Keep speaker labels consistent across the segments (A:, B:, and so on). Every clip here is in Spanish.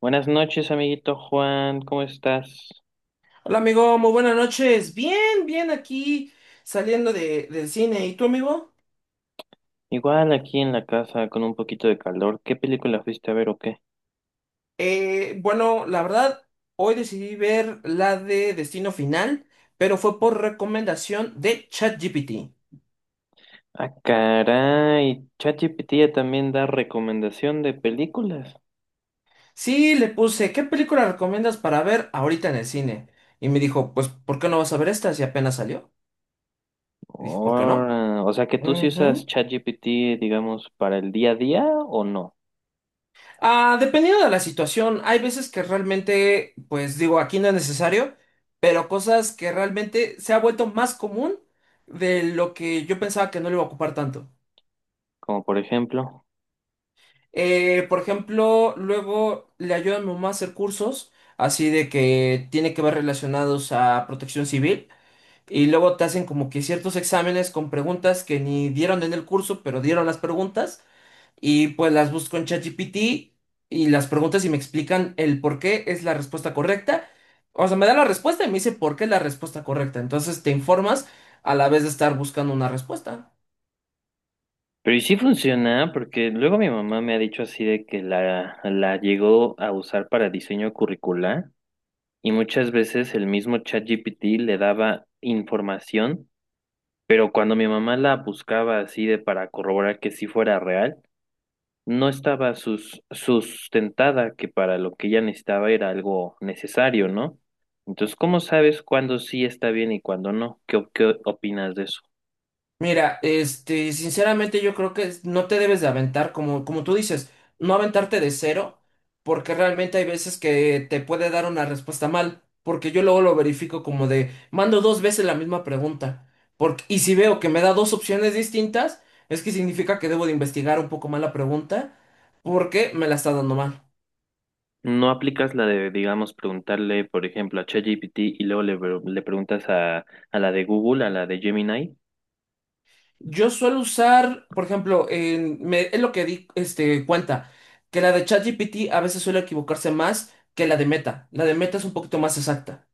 A: Buenas noches, amiguito Juan, ¿cómo estás?
B: Hola amigo, muy buenas noches. Bien, bien aquí saliendo del cine. ¿Y tú amigo?
A: Igual aquí en la casa con un poquito de calor. ¿Qué película fuiste a ver o qué?
B: Bueno, la verdad, hoy decidí ver la de Destino Final, pero fue por recomendación de ChatGPT.
A: Ah, caray, ChatGPT ya también da recomendación de películas.
B: Sí, le puse, ¿qué película recomiendas para ver ahorita en el cine? Y me dijo, pues, ¿por qué no vas a ver esta si apenas salió? Y dije, ¿por qué no?
A: Ora, o sea que tú sí usas
B: Ujú.
A: ChatGPT, digamos, para el día a día o no,
B: Ah, dependiendo de la situación, hay veces que realmente, pues digo, aquí no es necesario, pero cosas que realmente se ha vuelto más común de lo que yo pensaba que no le iba a ocupar tanto.
A: como por ejemplo.
B: Por ejemplo, luego le ayuda a mi mamá a hacer cursos, así de que tiene que ver relacionados a protección civil, y luego te hacen como que ciertos exámenes con preguntas que ni dieron en el curso, pero dieron las preguntas. Y pues las busco en ChatGPT y las preguntas y me explican el por qué es la respuesta correcta. O sea, me da la respuesta y me dice por qué es la respuesta correcta. Entonces te informas a la vez de estar buscando una respuesta.
A: Pero y sí funciona, porque luego mi mamá me ha dicho así de que la llegó a usar para diseño curricular. Y muchas veces el mismo ChatGPT le daba información, pero cuando mi mamá la buscaba así de para corroborar que sí fuera real, no estaba sustentada, que para lo que ella necesitaba era algo necesario, ¿no? Entonces, ¿cómo sabes cuándo sí está bien y cuándo no? Qué opinas de eso?
B: Mira, este, sinceramente yo creo que no te debes de aventar, como tú dices, no aventarte de cero, porque realmente hay veces que te puede dar una respuesta mal, porque yo luego lo verifico como de, mando dos veces la misma pregunta, porque, y si veo que me da dos opciones distintas, es que significa que debo de investigar un poco más la pregunta, porque me la está dando mal.
A: ¿No aplicas la de, digamos, preguntarle, por ejemplo, a ChatGPT y luego le preguntas a la de Google, a la de Gemini?
B: Yo suelo usar, por ejemplo, es lo que di este, cuenta, que la de ChatGPT a veces suele equivocarse más que la de Meta. La de Meta es un poquito más exacta.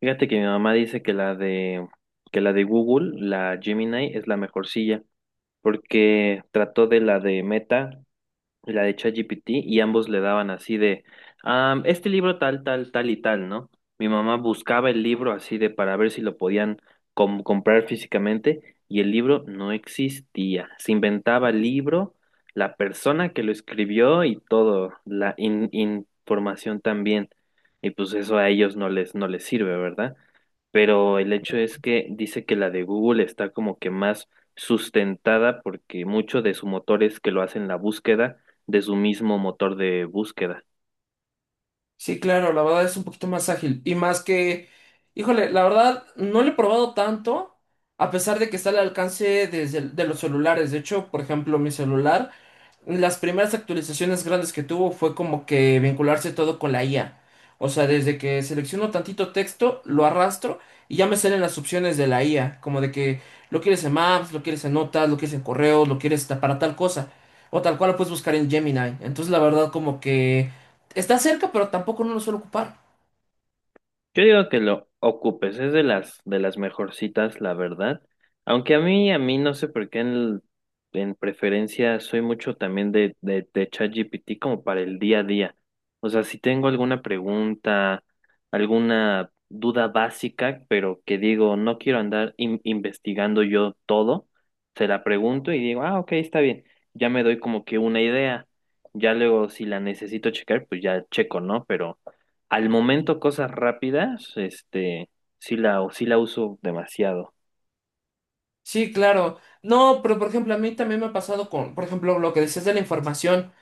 A: Fíjate que mi mamá dice que la de Google, la Gemini, es la mejor silla, porque trató de la de Meta y la de ChatGPT y ambos le daban así de, este libro tal, tal, tal y tal, ¿no? Mi mamá buscaba el libro así de para ver si lo podían comprar físicamente y el libro no existía. Se inventaba el libro, la persona que lo escribió y todo, la información también. Y pues eso a ellos no les sirve, ¿verdad? Pero el hecho es que dice que la de Google está como que más sustentada porque mucho de su motor es que lo hacen la búsqueda de su mismo motor de búsqueda.
B: Sí, claro, la verdad es un poquito más ágil. Y más que, híjole, la verdad no lo he probado tanto, a pesar de que está al alcance desde de los celulares. De hecho, por ejemplo, mi celular. Las primeras actualizaciones grandes que tuvo fue como que vincularse todo con la IA. O sea, desde que selecciono tantito texto, lo arrastro y ya me salen las opciones de la IA. Como de que lo quieres en Maps, lo quieres en Notas, lo quieres en correos, lo quieres para tal cosa. O tal cual lo puedes buscar en Gemini. Entonces, la verdad, como que está cerca, pero tampoco no lo suelo ocupar.
A: Yo digo que lo ocupes, es de las mejorcitas, la verdad. Aunque a mí no sé por qué en preferencia soy mucho también de ChatGPT como para el día a día. O sea, si tengo alguna pregunta, alguna duda básica, pero que digo, no quiero andar investigando yo todo, se la pregunto y digo, ah, ok, está bien. Ya me doy como que una idea. Ya luego, si la necesito checar, pues ya checo, ¿no? Pero al momento, cosas rápidas, este, sí la uso demasiado.
B: Sí, claro. No, pero por ejemplo, a mí también me ha pasado con, por ejemplo, lo que decías de la información.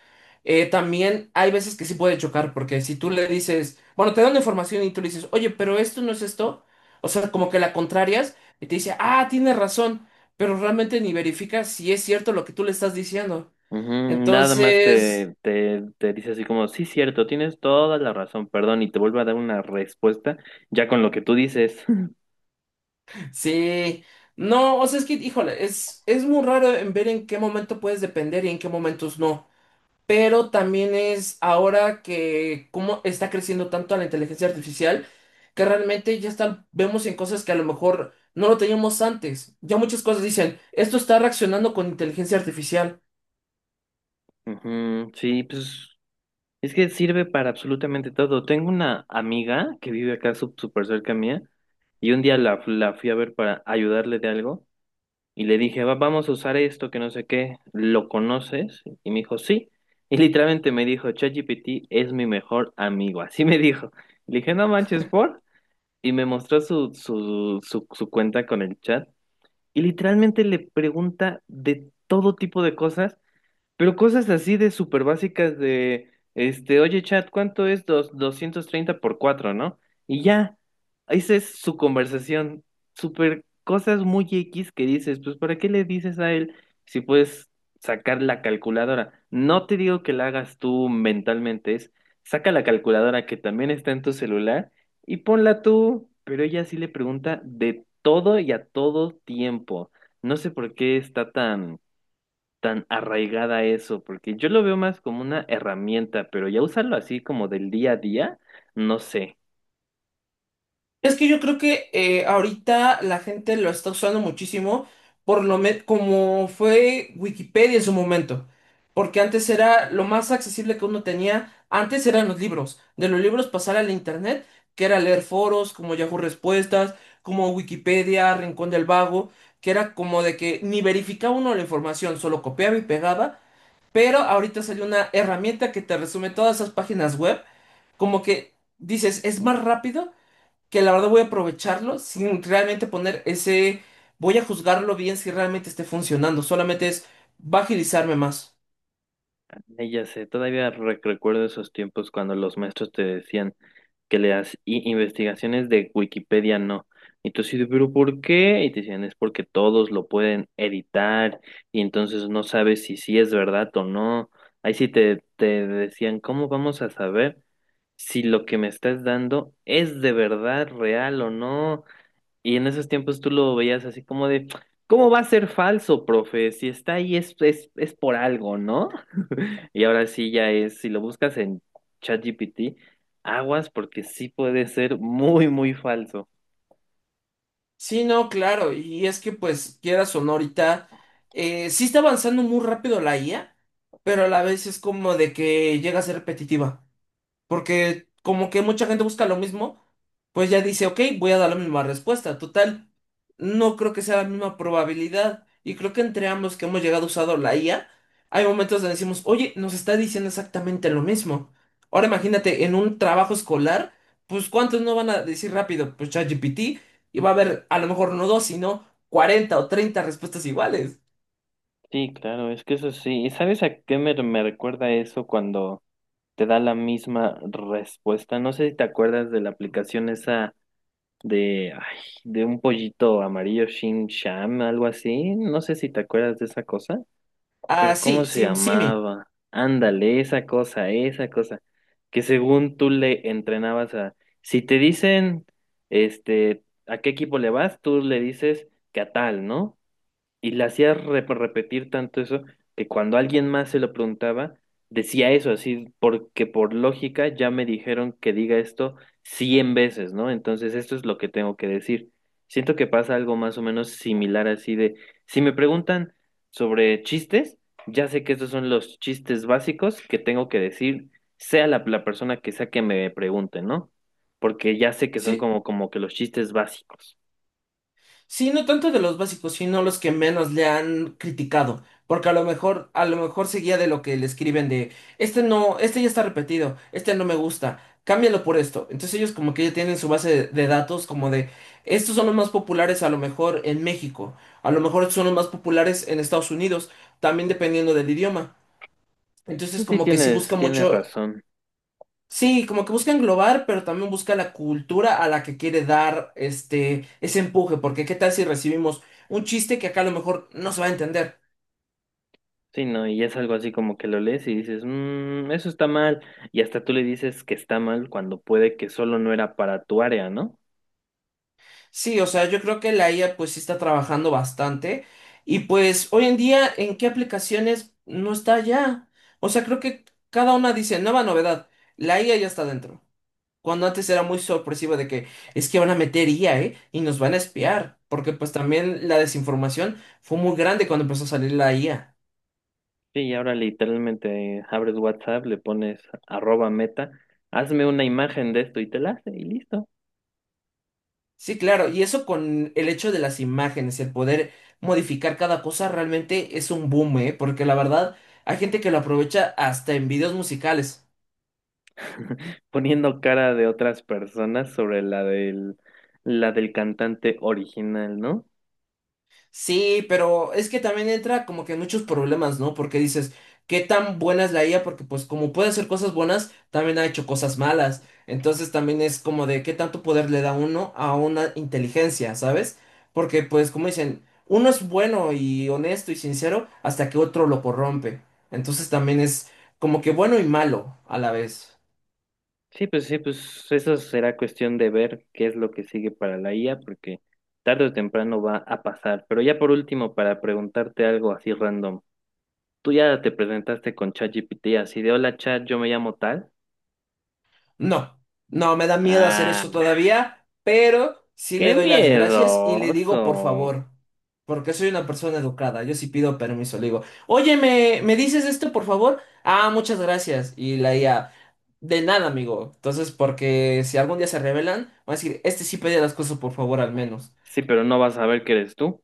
B: También hay veces que sí puede chocar, porque si tú le dices, bueno, te dan la información y tú le dices, oye, pero esto no es esto, o sea, como que la contrarias y te dice, ah, tienes razón, pero realmente ni verifica si es cierto lo que tú le estás diciendo.
A: Ujú. Nada más
B: Entonces,
A: te dice así como, sí, cierto, tienes toda la razón, perdón, y te vuelve a dar una respuesta ya con lo que tú dices.
B: sí, no, o sea, es que, híjole, es muy raro en ver en qué momento puedes depender y en qué momentos no. Pero también es ahora que cómo está creciendo tanto la inteligencia artificial, que realmente ya está, vemos en cosas que a lo mejor no lo teníamos antes. Ya muchas cosas dicen, esto está reaccionando con inteligencia artificial.
A: Ujú. Sí, pues es que sirve para absolutamente todo. Tengo una amiga que vive acá súper cerca mía y un día la fui a ver para ayudarle de algo. Y le dije, vamos a usar esto, que no sé qué, ¿lo conoces? Y me dijo, sí. Y literalmente me dijo, ChatGPT es mi mejor amigo, así me dijo. Le dije, no manches, ¿por? Y me mostró su cuenta con el chat. Y literalmente le pregunta de todo tipo de cosas, pero cosas así de súper básicas de, este, oye chat, ¿cuánto es 230 por cuatro, no? Y ya, esa es su conversación. Súper cosas muy X que dices, pues ¿para qué le dices a él si puedes sacar la calculadora? No te digo que la hagas tú mentalmente, es saca la calculadora que también está en tu celular y ponla tú, pero ella sí le pregunta de todo y a todo tiempo. No sé por qué está tan arraigada a eso, porque yo lo veo más como una herramienta, pero ya usarlo así como del día a día, no sé.
B: Es que yo creo que ahorita la gente lo está usando muchísimo, como fue Wikipedia en su momento, porque antes era lo más accesible que uno tenía, antes eran los libros, de los libros pasar al internet, que era leer foros como Yahoo Respuestas, como Wikipedia, Rincón del Vago, que era como de que ni verificaba uno la información, solo copiaba y pegaba, pero ahorita salió una herramienta que te resume todas esas páginas web, como que dices, es más rápido que la verdad voy a aprovecharlo sin realmente poner ese, voy a juzgarlo bien si realmente esté funcionando, solamente es, va a agilizarme más.
A: Ya sé, todavía recuerdo esos tiempos cuando los maestros te decían que leas investigaciones de Wikipedia, no. Y tú así de, pero ¿por qué? Y te decían, es porque todos lo pueden editar y entonces no sabes si sí es verdad o no. Ahí sí te decían, ¿cómo vamos a saber si lo que me estás dando es de verdad real o no? Y en esos tiempos tú lo veías así como de, ¿cómo va a ser falso, profe? Si está ahí es por algo, ¿no? Y ahora sí ya es, si lo buscas en ChatGPT, aguas porque sí puede ser muy, muy falso.
B: Sí, no, claro, y es que pues quieras o no ahorita, sí está avanzando muy rápido la IA, pero a la vez es como de que llega a ser repetitiva. Porque como que mucha gente busca lo mismo, pues ya dice, ok, voy a dar la misma respuesta. Total, no creo que sea la misma probabilidad. Y creo que entre ambos que hemos llegado usando la IA, hay momentos donde decimos, oye, nos está diciendo exactamente lo mismo. Ahora imagínate, en un trabajo escolar, pues ¿cuántos no van a decir rápido? Pues ChatGPT, y va a haber a lo mejor no dos, sino 40 o 30 respuestas iguales.
A: Sí, claro, es que eso sí. ¿Y sabes a qué me recuerda eso cuando te da la misma respuesta? No sé si te acuerdas de la aplicación esa de, ay, de un pollito amarillo, Shin Sham, algo así. No sé si te acuerdas de esa cosa.
B: Ah,
A: Pero ¿cómo
B: sí,
A: se
B: Sim Simi.
A: llamaba? Ándale, esa cosa, esa cosa. Que según tú le entrenabas a... Si te dicen, este, a qué equipo le vas, tú le dices que a tal, ¿no? Y le hacía repetir tanto eso que cuando alguien más se lo preguntaba, decía eso así, porque por lógica ya me dijeron que diga esto 100 veces, ¿no? Entonces esto es lo que tengo que decir. Siento que pasa algo más o menos similar así de, si me preguntan sobre chistes, ya sé que estos son los chistes básicos que tengo que decir, sea la persona que sea que me pregunte, ¿no? Porque ya sé que son como que los chistes básicos.
B: Sí, no tanto de los básicos, sino los que menos le han criticado, porque a lo mejor se guía de lo que le escriben de, este no, este ya está repetido, este no me gusta, cámbialo por esto. Entonces ellos como que ya tienen su base de datos como de, estos son los más populares a lo mejor en México, a lo mejor son los más populares en Estados Unidos, también dependiendo del idioma. Entonces
A: Pues sí,
B: como que sí busca
A: tienes
B: mucho.
A: razón.
B: Sí, como que busca englobar, pero también busca la cultura a la que quiere dar este ese empuje, porque qué tal si recibimos un chiste que acá a lo mejor no se va a entender.
A: Sí, no, y es algo así como que lo lees y dices, eso está mal. Y hasta tú le dices que está mal cuando puede que solo no era para tu área, ¿no?
B: Sí, o sea, yo creo que la IA pues sí está trabajando bastante y pues hoy en día en qué aplicaciones no está ya. O sea, creo que cada una dice nueva novedad, la IA ya está dentro. Cuando antes era muy sorpresivo de que es que van a meter IA, ¿eh? Y nos van a espiar, porque pues también la desinformación fue muy grande cuando empezó a salir la IA.
A: Sí, y ahora literalmente abres WhatsApp, le pones arroba meta, hazme una imagen de esto y te la hace y listo.
B: Sí, claro, y eso con el hecho de las imágenes, el poder modificar cada cosa realmente es un boom, ¿eh? Porque la verdad hay gente que lo aprovecha hasta en videos musicales.
A: Poniendo cara de otras personas sobre la del cantante original, ¿no?
B: Sí, pero es que también entra como que muchos problemas, ¿no? Porque dices, ¿qué tan buena es la IA? Porque pues como puede hacer cosas buenas, también ha hecho cosas malas. Entonces también es como de qué tanto poder le da uno a una inteligencia, ¿sabes? Porque pues como dicen, uno es bueno y honesto y sincero hasta que otro lo corrompe. Entonces también es como que bueno y malo a la vez.
A: Sí, pues eso será cuestión de ver qué es lo que sigue para la IA, porque tarde o temprano va a pasar. Pero ya por último, para preguntarte algo así random, tú ya te presentaste con ChatGPT así de hola chat, yo me llamo tal.
B: No, no, me da miedo hacer
A: Ah,
B: eso todavía, pero sí le
A: qué
B: doy las gracias y le digo por
A: miedoso.
B: favor, porque soy una persona educada, yo sí pido permiso, le digo, oye, ¿ me dices esto por favor? Ah, muchas gracias. Y la IA, de nada, amigo. Entonces, porque si algún día se rebelan, van a decir, este sí pedía las cosas por favor al menos.
A: Sí, pero no vas a ver que eres tú.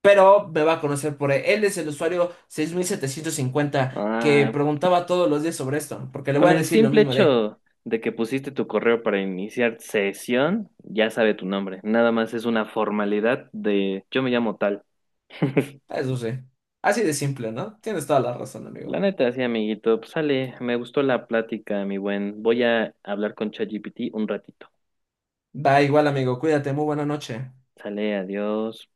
B: Pero me va a conocer por él. Él es el usuario 6750 que
A: Ah,
B: preguntaba todos los días sobre esto, porque le
A: con
B: voy a
A: el
B: decir lo
A: simple
B: mismo de.
A: hecho de que pusiste tu correo para iniciar sesión, ya sabe tu nombre. Nada más es una formalidad de yo me llamo tal.
B: Ah, eso sí. Así de simple, ¿no? Tienes toda la razón,
A: La
B: amigo.
A: neta, sí, amiguito. Pues sale, me gustó la plática, mi buen. Voy a hablar con ChatGPT un ratito.
B: Va igual, amigo. Cuídate. Muy buena noche.
A: Sale, adiós.